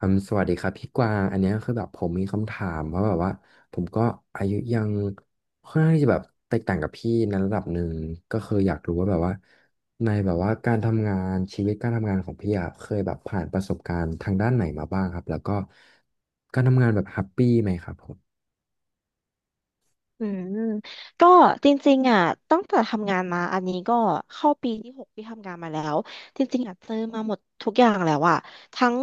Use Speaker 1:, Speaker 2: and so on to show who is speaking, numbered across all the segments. Speaker 1: สวัสดีครับพี่กวางอันเนี้ยคือแบบผมมีคำถามว่าแบบว่าผมก็อายุยังค่อนข้างที่จะแบบแตกต่างกับพี่ในระดับหนึ่งก็คืออยากรู้ว่าแบบว่าในแบบว่าการทำงานชีวิตการทำงานของพี่อะเคยแบบผ่านประสบการณ์ทางด้านไหนมาบ้างครับแล้วก็การทำงานแบบแฮปปี้ไหมครับผม
Speaker 2: อืมก็จริงๆอ่ะตั้งแต่ทำงานมาอันนี้ก็เข้าปีที่หกที่ทำงานมาแล้วจริงๆอ่ะเจอมาหมดทุกอย่างแล้วอ่ะทั้ง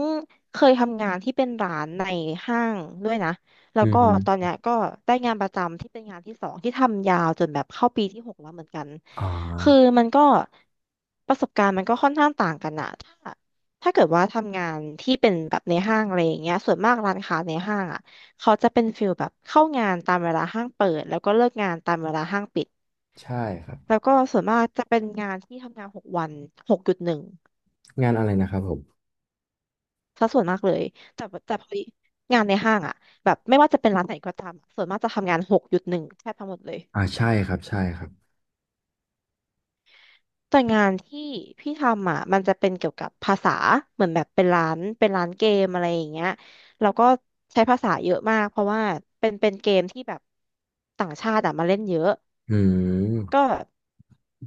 Speaker 2: เคยทำงานที่เป็นร้านในห้างด้วยนะแล้
Speaker 1: อื
Speaker 2: วก็ตอน
Speaker 1: ม
Speaker 2: เนี้ยก็ได้งานประจำที่เป็นงานที่สองที่ทำยาวจนแบบเข้าปีที่หกแล้วเหมือนกัน
Speaker 1: อ่า
Speaker 2: คือมันก็ประสบการณ์มันก็ค่อนข้างต่างกันอะถ้าเกิดว่าทำงานที่เป็นแบบในห้างอะไรอย่างเงี้ยส่วนมากร้านค้าในห้างอะ เขาจะเป็นฟิลแบบเข้างานตามเวลาห้างเปิดแล้วก็เลิกงานตามเวลาห้างปิด
Speaker 1: ใช่ครับ
Speaker 2: แล้วก็ส่วนมากจะเป็นงานที่ทำงาน6 วันหกจุดหนึ่ง
Speaker 1: งานอะไรนะครับผม
Speaker 2: ซะส่วนมากเลยแต่พอดีงานในห้างอะแบบไม่ว่าจะเป็นร้านไหนก็ตามอะส่วนมากจะทำงานหกจุดหนึ่งแทบทั้งหมดเลย
Speaker 1: อ่าใช่ครับใช่ครับ
Speaker 2: แต่งานที่พี่ทำอ่ะมันจะเป็นเกี่ยวกับภาษาเหมือนแบบเป็นร้านเกมอะไรอย่างเงี้ยแล้วก็ใช้ภาษาเยอะมากเพราะว่าเป็นเกมที่แบบต่างชาติอะมาเล่นเยอะ
Speaker 1: อื
Speaker 2: ก็
Speaker 1: ม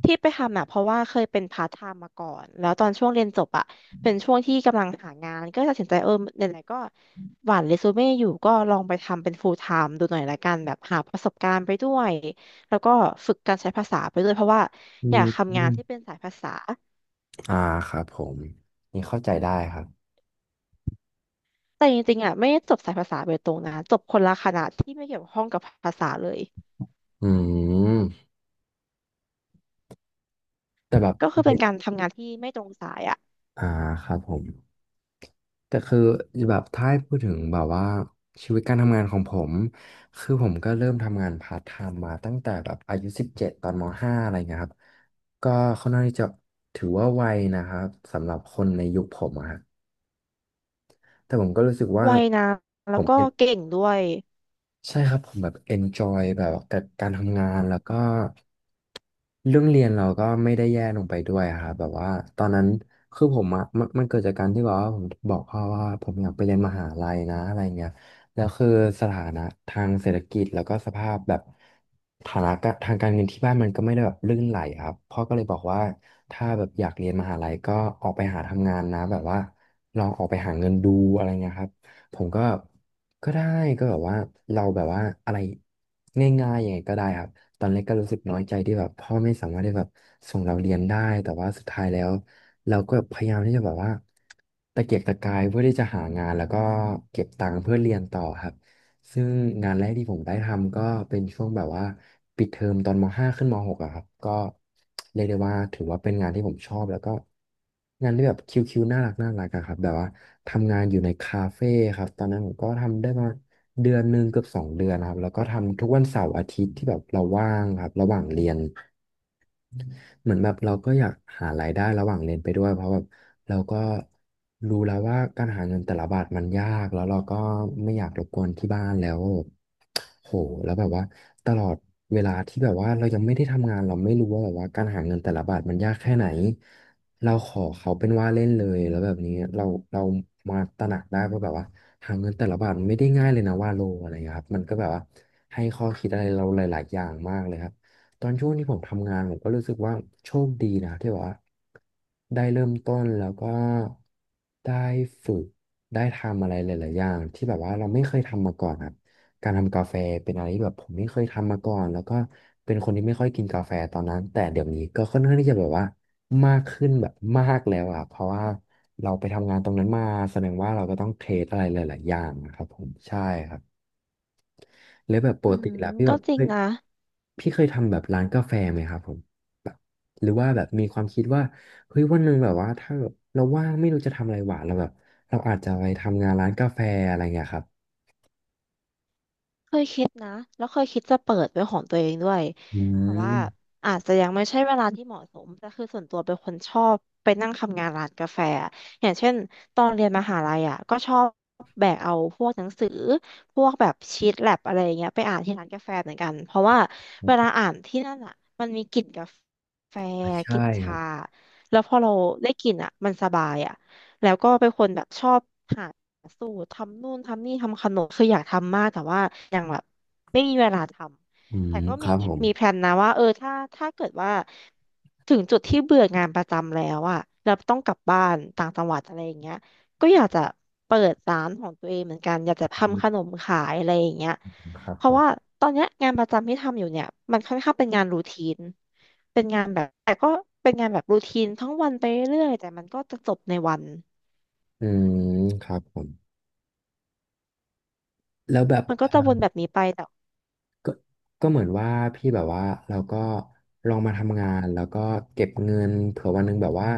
Speaker 2: ที่ไปทำอ่ะเพราะว่าเคยเป็นพาร์ทไทม์มาก่อนแล้วตอนช่วงเรียนจบอ่ะเป็นช่วงที่กำลังหางานก็ตัดสินใจเออไหนๆก็หว่านเรซูเม่อยู่ก็ลองไปทำเป็นฟูลไทม์ดูหน่อยละกันแบบหาประสบการณ์ไปด้วยแล้วก็ฝึกการใช้ภาษาไปด้วยเพราะว่า
Speaker 1: อื
Speaker 2: อยา
Speaker 1: ม
Speaker 2: ก
Speaker 1: อื
Speaker 2: ทำงา
Speaker 1: ม
Speaker 2: นที่เป็นสายภาษา
Speaker 1: อ่าครับผมนี่เข้าใจได้ครับ
Speaker 2: แต่จริงๆอ่ะไม่ได้จบสายภาษาโดยตรงนะจบคนละคณะที่ไม่เกี่ยวข้องกับภาษาเลย
Speaker 1: อืม แต่แบบ
Speaker 2: ก็คือเป็นการทำงานที่ไม่ตรงสายอ่ะ
Speaker 1: อ่าครับผมแต่คือแบบถ้าให้พูดถึงแบบว่าชีวิตการทำงานของผมคือผมก็เริ่มทำงานพาร์ทไทม์มาตั้งแต่แบบอายุสิบเจ็ดตอนมห้าอะไรเงี้ยครับก็ค่อนข้างที่จะถือว่าไวนะครับสำหรับคนในยุคผมอะฮะแต่ผมก็รู้สึกว่า
Speaker 2: ไวนะ
Speaker 1: ผ
Speaker 2: แล้ว
Speaker 1: ม
Speaker 2: ก็
Speaker 1: เป็น
Speaker 2: เก่งด้วย
Speaker 1: ใช่ครับผมแบบ enjoy แบบกับการทำงานแล้วก็เรื่องเรียนเราก็ไม่ได้แย่ลงไปด้วยอะครับแบบว่าตอนนั้นคือผมอะมันเกิดจากการที่แบบว่าผมบอกพ่อว่าผมอยากไปเรียนมหาลัยนะอะไรเงี้ยแล้วคือสถานะทางเศรษฐกิจแล้วก็สภาพแบบฐานะกะทางการเงินที่บ้านมันก็ไม่ได้แบบลื่นไหลครับพ่อก็เลยบอกว่าถ้าแบบอยากเรียนมหาลัยก็ออกไปหาทำงานนะแบบว่าลองออกไปหาเงินดูอะไรเงี้ยครับ ผมก็ก็ได้ก็แบบว่าเราแบบว่าอะไรง่ายๆยังไงก็ได้ครับตอนแรกก็รู้สึกน้อยใจที่แบบพ่อไม่สามารถได้แบบส่งเราเรียนได้แต่ว่าสุดท้ายแล้วเราก็พยายามที่จะแบบว่าตะเกียกตะกายเพื่อที่จะหางานแล้วก็เก็บตังค์เพื่อเรียนต่อครับ ซึ่งงานแรกที่ผมได้ทำก็เป็นช่วงแบบว่าปิดเทอมตอนม .5 ขึ้นม .6 อะครับก็เรียกได้ว่าถือว่าเป็นงานที่ผมชอบแล้วก็งานที่แบบคิวๆน่ารักน่ารักอะครับแบบว่าทำงานอยู่ในคาเฟ่ครับตอนนั้นผมก็ทำได้ประมาณเดือนหนึ่งเกือบสองเดือนนะครับแล้วก็ทำทุกวันเสาร์อาทิตย์ที่แบบเราว่างครับระหว่างเรียน เหมือนแบบเราก็อยากหารายได้ระหว่างเรียนไปด้วยเพราะแบบเราก็รู้แล้วว่าการหาเงินแต่ละบาทมันยากแล้วเราก็ไม่อยากรบกวนที่บ้านแล้วโหแล้วแบบว่าตลอดเวลาที่แบบว่าเรายังไม่ได้ทำงานเราไม่รู้ว่าแบบว่าการหาเงินแต่ละบาทมันยากแค่ไหนเราขอเขาเป็นว่าเล่นเลยแล้วแบบนี้เรามาตระหนักได้ว่าแบบว่าหาเงินแต่ละบาทมันไม่ได้ง่ายเลยนะว่าโลอะไรอย่างเงี้ยครับมันก็แบบว่าให้ข้อคิดอะไรเราหลายๆอย่างมากเลยครับ ตอนช่วงที่ผมทำงานผมก็รู้สึกว่าโชคดีนะที่แบบว่าได้เริ่มต้นแล้วก็ได้ฝึกได้ทำอะไรหลายๆอย่างที่แบบว่าเราไม่เคยทำมาก่อนครับการทำกาแฟเป็นอะไรที่แบบผมไม่เคยทำมาก่อนแล้วก็เป็นคนที่ไม่ค่อยกินกาแฟตอนนั้นแต่เดี๋ยวนี้ก็ค่อนข้างที่จะแบบว่ามากขึ้นแบบมากแล้วอ่ะเพราะว่าเราไปทำงานตรงนั้นมาแสดงว่าเราก็ต้องเทสอะไรหลายๆอย่างนะครับผมใช่ครับ แล้วแบบป
Speaker 2: อื
Speaker 1: กติ
Speaker 2: ม
Speaker 1: แล้วพี่
Speaker 2: ก็
Speaker 1: แบบ
Speaker 2: จริง
Speaker 1: เฮ้ย
Speaker 2: นะ
Speaker 1: พี่เคยทำแบบร้านกาแฟไหมครับผมแบบหรือว่าแบบมีความคิดว่าเฮ้ยวันหนึ่งแบบว่าถ้าแบบเราว่างไม่รู้จะทำอะไรหวานเราแบบเราอาจจะไปทำงานร้านกาแฟอะไรเงี้ยครับ
Speaker 2: บนะแล้วเคยคิดจะเปิดเป็นของตัวเองด้วย
Speaker 1: อื
Speaker 2: แต่ว่า
Speaker 1: ม
Speaker 2: อาจจะยังไม่ใช่เวลาที่เหมาะสมแต่คือส่วนตัวเป็นคนชอบไปนั่งทำงานร้านกาแฟอะอย่างเช่นตอนเรียนมหาลัยอ่ะก็ชอบแบกเอาพวกหนังสือพวกแบบชีทแล็บอะไรอย่างเงี้ยไปอ่านที่ร้านกาแฟเหมือนกันเพราะว่าเวลาอ่านที่นั่นอ่ะมันมีกลิ่นกาแฟ
Speaker 1: อ่ะ
Speaker 2: ก
Speaker 1: ใช่
Speaker 2: ลิ่น
Speaker 1: ครั
Speaker 2: ชา
Speaker 1: บ
Speaker 2: แล้วพอเราได้กลิ่นอ่ะมันสบายอ่ะแล้วก็เป็นคนแบบชอบหา สูตรทำนู่นทำนี่ทำขนมคืออยากทำมากแต่ว่ายังแบบไม่มีเวลาท
Speaker 1: อื
Speaker 2: ำแต่
Speaker 1: ม
Speaker 2: ก็
Speaker 1: ค
Speaker 2: มี
Speaker 1: รับผม
Speaker 2: มีแพลนนะว่าเออถ้าเกิดว่าถึงจุดที่เบื่องานประจำแล้วอะแล้วต้องกลับบ้านต่างจังหวัดอะไรอย่างเงี้ยก็อยากจะเปิดร้านของตัวเองเหมือนกันอยากจะ
Speaker 1: อื
Speaker 2: ทำขน
Speaker 1: ม
Speaker 2: มขายอะไรอย่างเงี้ย
Speaker 1: ครับ
Speaker 2: เพ
Speaker 1: ผ
Speaker 2: ราะว่า
Speaker 1: ม
Speaker 2: ตอนเนี้ยงานประจำที่ทำอยู่เนี่ยมันค่อนข้างเป็นงานรูทีนเป็นงานแบบแต่ก็เป็นงานแบบรูทีนทั้งวันไปเรื่อยๆแต่มันก็จะจบในวัน
Speaker 1: อืมครับผมแล้วแบบ
Speaker 2: มันก็จะวนแบบนี้ไป
Speaker 1: ก็ก็เหมือนว่าพี่แบบว่าเราก็ลองมาทำงานแล้วก็เก็บเงินเผื่อวันหนึ่งแบบว่า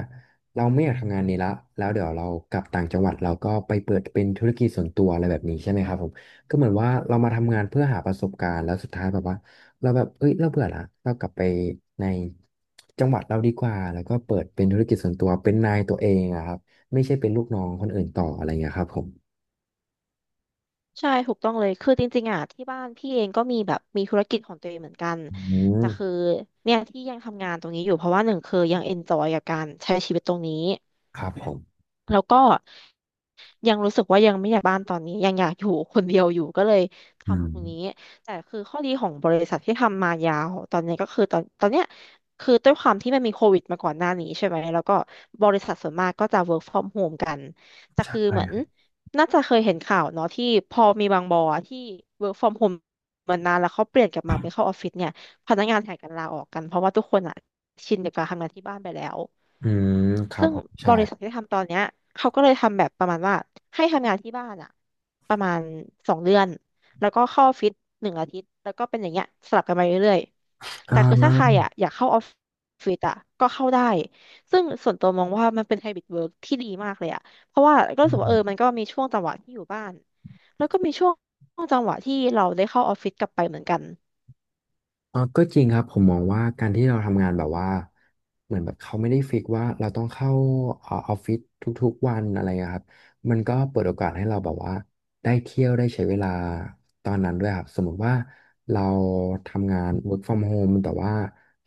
Speaker 1: เราไม่อยากทำงานนี้ละแล้วเดี๋ยวเรากลับต่างจังหวัดเราก็ไปเปิดเป็นธุรกิจส่วนตัวอะไรแบบนี้ใช่ไหมครับผมก็เหมือนว่าเรามาทำงานเพื่อหาประสบการณ์แล้วสุดท้ายแบบว่าเราแบบเอ้ยเราเบื่อละเรากลับไปในจังหวัดเราดีกว่าแล้วก็เปิดเป็นธุรกิจส่วนตัวเป็นนายตัวเองอะครับไม่ใช่เป็นลูกน้องคนอื่นต่ออะไรเงี้ยครับผม
Speaker 2: ใช่ถูกต้องเลยคือจริงๆอ่ะที่บ้านพี่เองก็มีแบบมีธุรกิจของตัวเองเหมือนกัน
Speaker 1: อืม
Speaker 2: แต่คือเนี่ยที่ยังทำงานตรงนี้อยู่เพราะว่าหนึ่งคือยังเอนจอยกับการใช้ชีวิตตรงนี้
Speaker 1: ครับผม
Speaker 2: แล้วก็ ยังรู้สึกว่ายังไม่อยากบ้านตอนนี้ยังอยากอยู่คนเดียวอยู่ก็เลย
Speaker 1: อื
Speaker 2: ทำต
Speaker 1: ม
Speaker 2: รงนี้แต่คือข้อดีของบริษัทที่ทำมายาวตอนนี้ก็คือตอนเนี้ยคือด้วยความที่มันมีโควิดมาก่อนหน้านี้ใช่ไหมแล้วก็บริษัทส่วนมากก็จะ work from home กันแต่
Speaker 1: ใช่
Speaker 2: คือเหมือนน่าจะเคยเห็นข่าวเนาะที่พอมีบางบอที่ work from home มานานแล้วเขาเปลี่ยนกลับมาเป็นเข้าออฟฟิศเนี่ยพนักงานแห่กันลาออกกันเพราะว่าทุกคนอ่ะชินกับการทำงานที่บ้านไปแล้ว
Speaker 1: อืมครับ
Speaker 2: ซึ่ง
Speaker 1: ผม
Speaker 2: บ
Speaker 1: ใช่
Speaker 2: ริษัทที่ทำตอนเนี้ยเขาก็เลยทำแบบประมาณว่าให้ทำงานที่บ้านอะประมาณ2 เดือนแล้วก็เข้าออฟฟิศ1 อาทิตย์แล้วก็เป็นอย่างเงี้ยสลับกันไปเรื่อยๆแต่
Speaker 1: อ่า
Speaker 2: คือถ้าใครอะอยากเข้าออฟฟิศอะก็เข้าได้ซึ่งส่วนตัวมองว่ามันเป็นไฮบริดเวิร์กที่ดีมากเลยอะเพราะว่าก็
Speaker 1: อื
Speaker 2: รู้สึกว่าเออ
Speaker 1: ม
Speaker 2: มันก็มีช่วงจังหวะที่อยู่บ้านแล้วก็มีช่วงจังหวะที่เราได้เข้าออฟฟิศกลับไปเหมือนกัน
Speaker 1: ก็จริงครับผมมองว่าการที่เราทำงานแบบว่าเหมือนแบบเขาไม่ได้ฟิกว่าเราต้องเข้าออฟฟิศทุกๆวันอะไรอะครับมันก็เปิดโอกาสให้เราแบบว่าได้เที่ยวได้ใช้เวลาตอนนั้นด้วยครับสมมติว่าเราทำงาน work from home แต่ว่า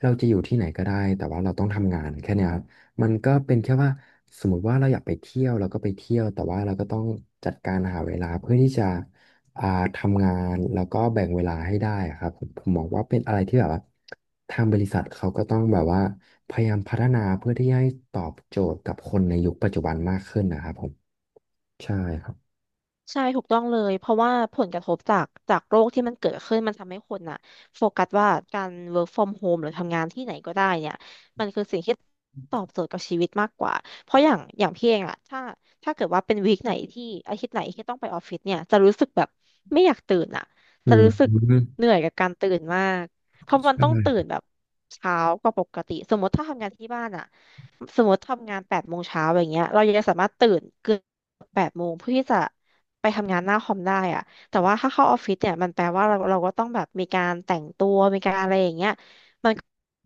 Speaker 1: เราจะอยู่ที่ไหนก็ได้แต่ว่าเราต้องทำงานแค่เนี้ยครับมันก็เป็นแค่ว่าสมมติว่าเราอยากไปเที่ยวเราก็ไปเที่ยวแต่ว่าเราก็ต้องจัดการหาเวลาเพื่อที่จะ อ่าทำงานแล้วก็แบ่งเวลาให้ได้อะครับผมมองว่าเป็นอะไรที่แบบว่าทางบริษัทเขาก็ต้องแบบว่าพยายามพัฒนาเพื่อที่ให้ตอบโจทย์กับคนในยุคปัจจุบันมากขึ้นนะครับผมใช่ครับ
Speaker 2: ใช่ถูกต้องเลยเพราะว่าผลกระทบจากโรคที่มันเกิดขึ้นมันทำให้คนน่ะโฟกัสว่าการ work from home หรือทำงานที่ไหนก็ได้เนี่ยมันคือสิ่งที่ตอบโจทย์กับชีวิตมากกว่าเพราะอย่างพี่เองอะถ้าเกิดว่าเป็นวีคไหนที่อาทิตย์ไหนที่ต้องไปออฟฟิศเนี่ยจะรู้สึกแบบไม่อยากตื่นอะ
Speaker 1: อื
Speaker 2: จะ
Speaker 1: ม
Speaker 2: รู้สึกเหนื่อยกับการตื่นมากเพราะ
Speaker 1: ใช
Speaker 2: มันต้องตื่น
Speaker 1: ่
Speaker 2: แบบเช้ากว่าปกติสมมติถ้าทำงานที่บ้านอะสมมติทำงานแปดโมงเช้าอย่างเงี้ยเรายังจะสามารถตื่นเกือบแปดโมงเพื่อที่จะ ไปทำงานหน้าคอมได้อะแต่ว่าถ้าเข้าออฟฟิศเนี่ยมันแปลว่าเราก็ต้องแบบมีการแต่งตัวมีการอะไรอย่างเงี้ยมัน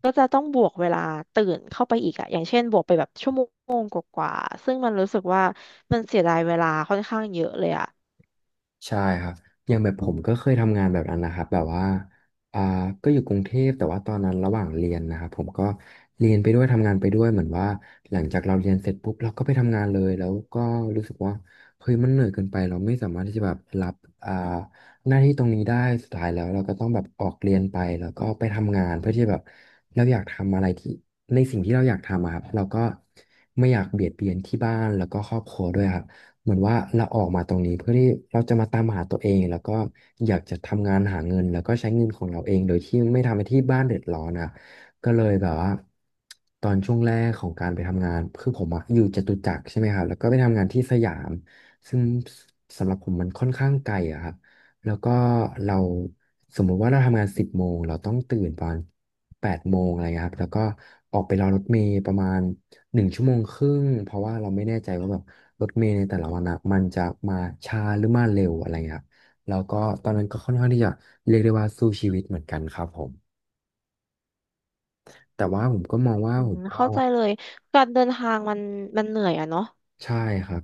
Speaker 2: ก็จะต้องบวกเวลาตื่นเข้าไปอีกอะอย่างเช่นบวกไปแบบชั่วโมงกว่าๆซึ่งมันรู้สึกว่ามันเสียดายเวลาค่อนข้างเยอะเลยอะ
Speaker 1: ใช่ครับอย่างแบบผมก็เคยทำงานแบบนั้นนะครับแบบว่าอ่าก็อยู่กรุงเทพแต่ว่าตอนนั้นระหว่างเรียนนะครับผมก็เรียนไปด้วยทำงานไปด้วยเหมือนว่าหลังจากเราเรียนเสร็จปุ๊บเราก็ไปทำงานเลยแล้วก็รู้สึกว่าเฮ้ยมันเหนื่อยเกินไปเราไม่สามารถที่จะแบบรับอ่าหน้าที่ตรงนี้ได้สุดท้ายแล้วเราก็ต้องแบบออกเรียนไปแล้วก็ไปทำงานเพื่อที่แบบเราอยากทำอะไรที่ในสิ่งที่เราอยากทำอะครับเราก็ไม่อยากเบียดเบียนที่บ้านแล้วก็ครอบครัวด้วยครับ เหมือนว่าเราออกมาตรงนี้เพื่อที่เราจะมาตามหาตัวเองแล้วก็อยากจะทำงานหาเงินแล้วก็ใช้เงินของเราเองโดยที่ไม่ทำให้ที่บ้านเดือดร้อนอ่ะก็เลยแบบว่าตอนช่วงแรกของการไปทำงานคือผมอะอยู่จตุจักรใช่ไหมครับแล้วก็ไปทำงานที่สยามซึ่งสำหรับผมมันค่อนข้างไกลอะครับแล้วก็เราสมมุติว่าเราทำงาน10 โมงเราต้องตื่นประมาณ8 โมงอะไรเงี้ยครับแล้วก็ออกไปรอรถเมล์ประมาณ1 ชั่วโมงครึ่งเพราะว่าเราไม่แน่ใจว่าแบบ รถเมล์ในแต่ละวันอ่ะมันจะมาช้าหรือมาเร็วอะไรเงี้ยครับแล้วก็ตอนนั้นก็ค่อนข้างที่จะเรียกได้ว่าสู้ชีวิตเหมือนกันครับผม แต่ว่าผมก็มองว่า
Speaker 2: อื
Speaker 1: ผ
Speaker 2: ม
Speaker 1: มก็
Speaker 2: เข้าใจเลยการเดินทางมันเหนื่อยอะเนาะ
Speaker 1: ใช่ครับ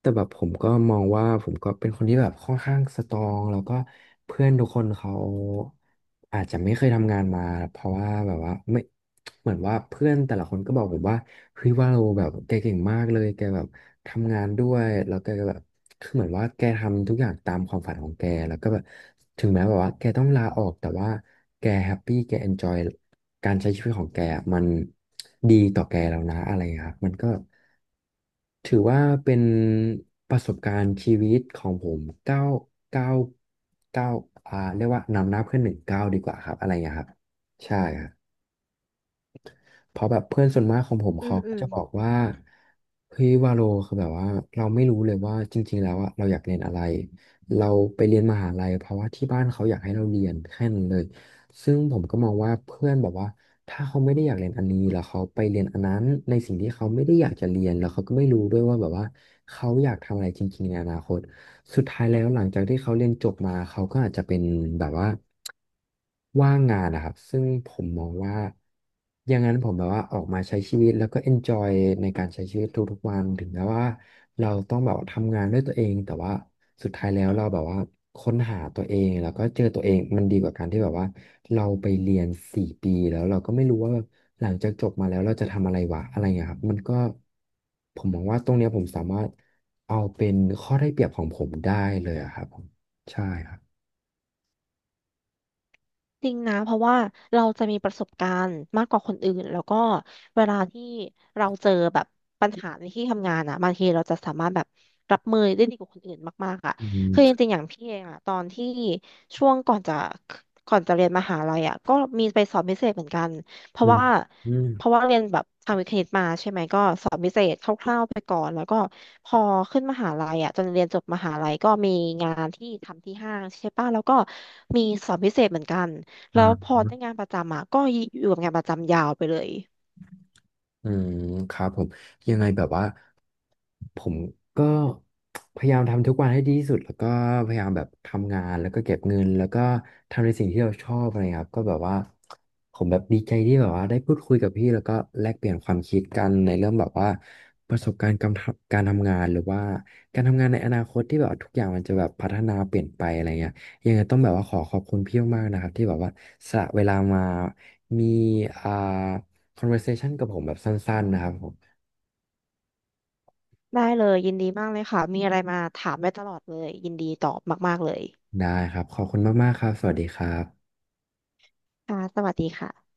Speaker 1: แต่แบบผมก็มองว่าผมก็เป็นคนที่แบบค่อนข้างสตรองแล้วก็เพื่อนทุกคนเขาอาจจะไม่เคยทำงานมาเพราะว่าแบบว่าไม่เหมือนว่าเพื่อนแต่ละคนก็บอกผมว่าเฮ้ยว่าเราแบบแกเก่งมากเลยแกแบบทำงานด้วยแล้วแกก็แบบคือเหมือนว่าแกทำทุกอย่างตามความฝันของแกแล้วก็แบบถึงแม้แบบว่าแกต้องลาออกแต่ว่าแกแฮปปี้แกเอนจอยการใช้ชีวิตของแกอะมันดีต่อแกแล้วนะอะไรอย่างเงี้ยครับมันก็ ถือว่าเป็นประสบการณ์ชีวิตของผมเก้าเก้าเก้าเรียกว่านำหน้าเพื่อนหนึ่งเก้าดีกว่าครับอะไรอย่างเงี้ยครับใช่ครับ เพราะแบบเพื่อนส่วนมากของผม
Speaker 2: อื
Speaker 1: เขา
Speaker 2: มอื
Speaker 1: ก็
Speaker 2: ม
Speaker 1: จะบอกว่าเฮ้ยวาโลคือแบบว่าเราไม่รู้เลยว่าจริงๆแล้วอะเราอยากเรียนอะไรเราไปเรียนมหาลัยเพราะว่าที่บ้านเขาอยากให้เราเรียนแค่นั้นเลยซึ่งผมก็มองว่าเพื่อนแบบว่าถ้าเขาไม่ได้อยากเรียนอันนี้แล้วเขาไปเรียนอันนั้นในสิ่งที่เขาไม่ได้อยากจะเรียนแล้วเขาก็ไม่รู้ด้วยว่าแบบว่าเขาอยากทำอะไรจริงๆในอนาคต สุดท้ายแล้วหลังจากที่เขาเรียนจบมาเขาก็อาจจะเป็นแบบว่าว่างงานนะครับซึ่งผมมองว่าอย่างนั้นผมแบบว่าออกมาใช้ชีวิตแล้วก็ enjoy ในการใช้ชีวิตทุกๆวันถึงแม้ว่าเราต้องแบบทำงานด้วยตัวเองแต่ว่าสุดท้ายแล้วเราแบบว่าค้นหาตัวเองแล้วก็เจอตัวเองมันดีกว่าการที่แบบว่าเราไปเรียน4 ปีแล้วเราก็ไม่รู้ว่าหลังจากจบมาแล้วเราจะทำอะไรวะอะไรเงี้ยครับมันก็ ผมมองว่าตรงเนี้ยผมสามารถเอาเป็นข้อได้เปรียบของผมได้เลยอะครับผมใช่ครับ
Speaker 2: จริงนะเพราะว่าเราจะมีประสบการณ์มากกว่าคนอื่นแล้วก็เวลาที่เราเจอแบบปัญหาในที่ทำงานอ่ะบางทีเราจะสามารถแบบรับมือได้ดีกว่าคนอื่นมากๆอ่ะ
Speaker 1: อื
Speaker 2: คือจ
Speaker 1: ม
Speaker 2: ริงๆอย่างพี่เองอ่ะตอนที่ช่วงก่อนจะเรียนมหาลัยอ่ะก็มีไปสอบพิเศษเหมือนกันเพ
Speaker 1: ใช่
Speaker 2: ราะว่า
Speaker 1: อืม
Speaker 2: เพราะว่าเรียนแบบทางวิทย์คณิตมาใช่ไหมก็สอบพิเศษคร่าวๆไปก่อนแล้วก็พอขึ้นมหาลัยอ่ะจนเรียนจบมหาลัยก็มีงานที่ทำที่ห้างใช่ป่ะแล้วก็มีสอบพิเศษเหมือนกัน
Speaker 1: อ่
Speaker 2: แล้วพอ
Speaker 1: า
Speaker 2: ได้งานประจำอ่ะก็อยู่กับงานประจำยาวไปเลย
Speaker 1: อืมครับผมยังไงแบบว่าผมก็พยายามทำทุกวันให้ดีที่สุดแล้วก็พยายามแบบทำงานแล้วก็เก็บเงินแล้วก็ทำในสิ่งที่เราชอบอะไรครับก็แบบว่าผมแบบดีใจที่แบบว่าได้พูดคุยกับพี่แล้วก็แลกเปลี่ยนความคิดกันในเรื่องแบบว่าประสบการณ์การทำงานหรือว่าการทำงานในอนาคตที่แบบว่าทุกอย่างมันจะแบบพัฒนาเปลี่ยนไปอะไรเงี้ยยังไงต้องแบบว่าขอขอบคุณพี่มากๆนะครับที่แบบว่าสละเวลามามีอ่า conversation กับผมแบบสั้นๆนะครับผม
Speaker 2: ได้เลยยินดีมากเลยค่ะมีอะไรมาถามได้ตลอดเลยยินดีตอบมากๆเลย
Speaker 1: ได้ครับขอบคุณมากๆครับสวัสดีครับ
Speaker 2: ค่ะสวัสดีค่ะ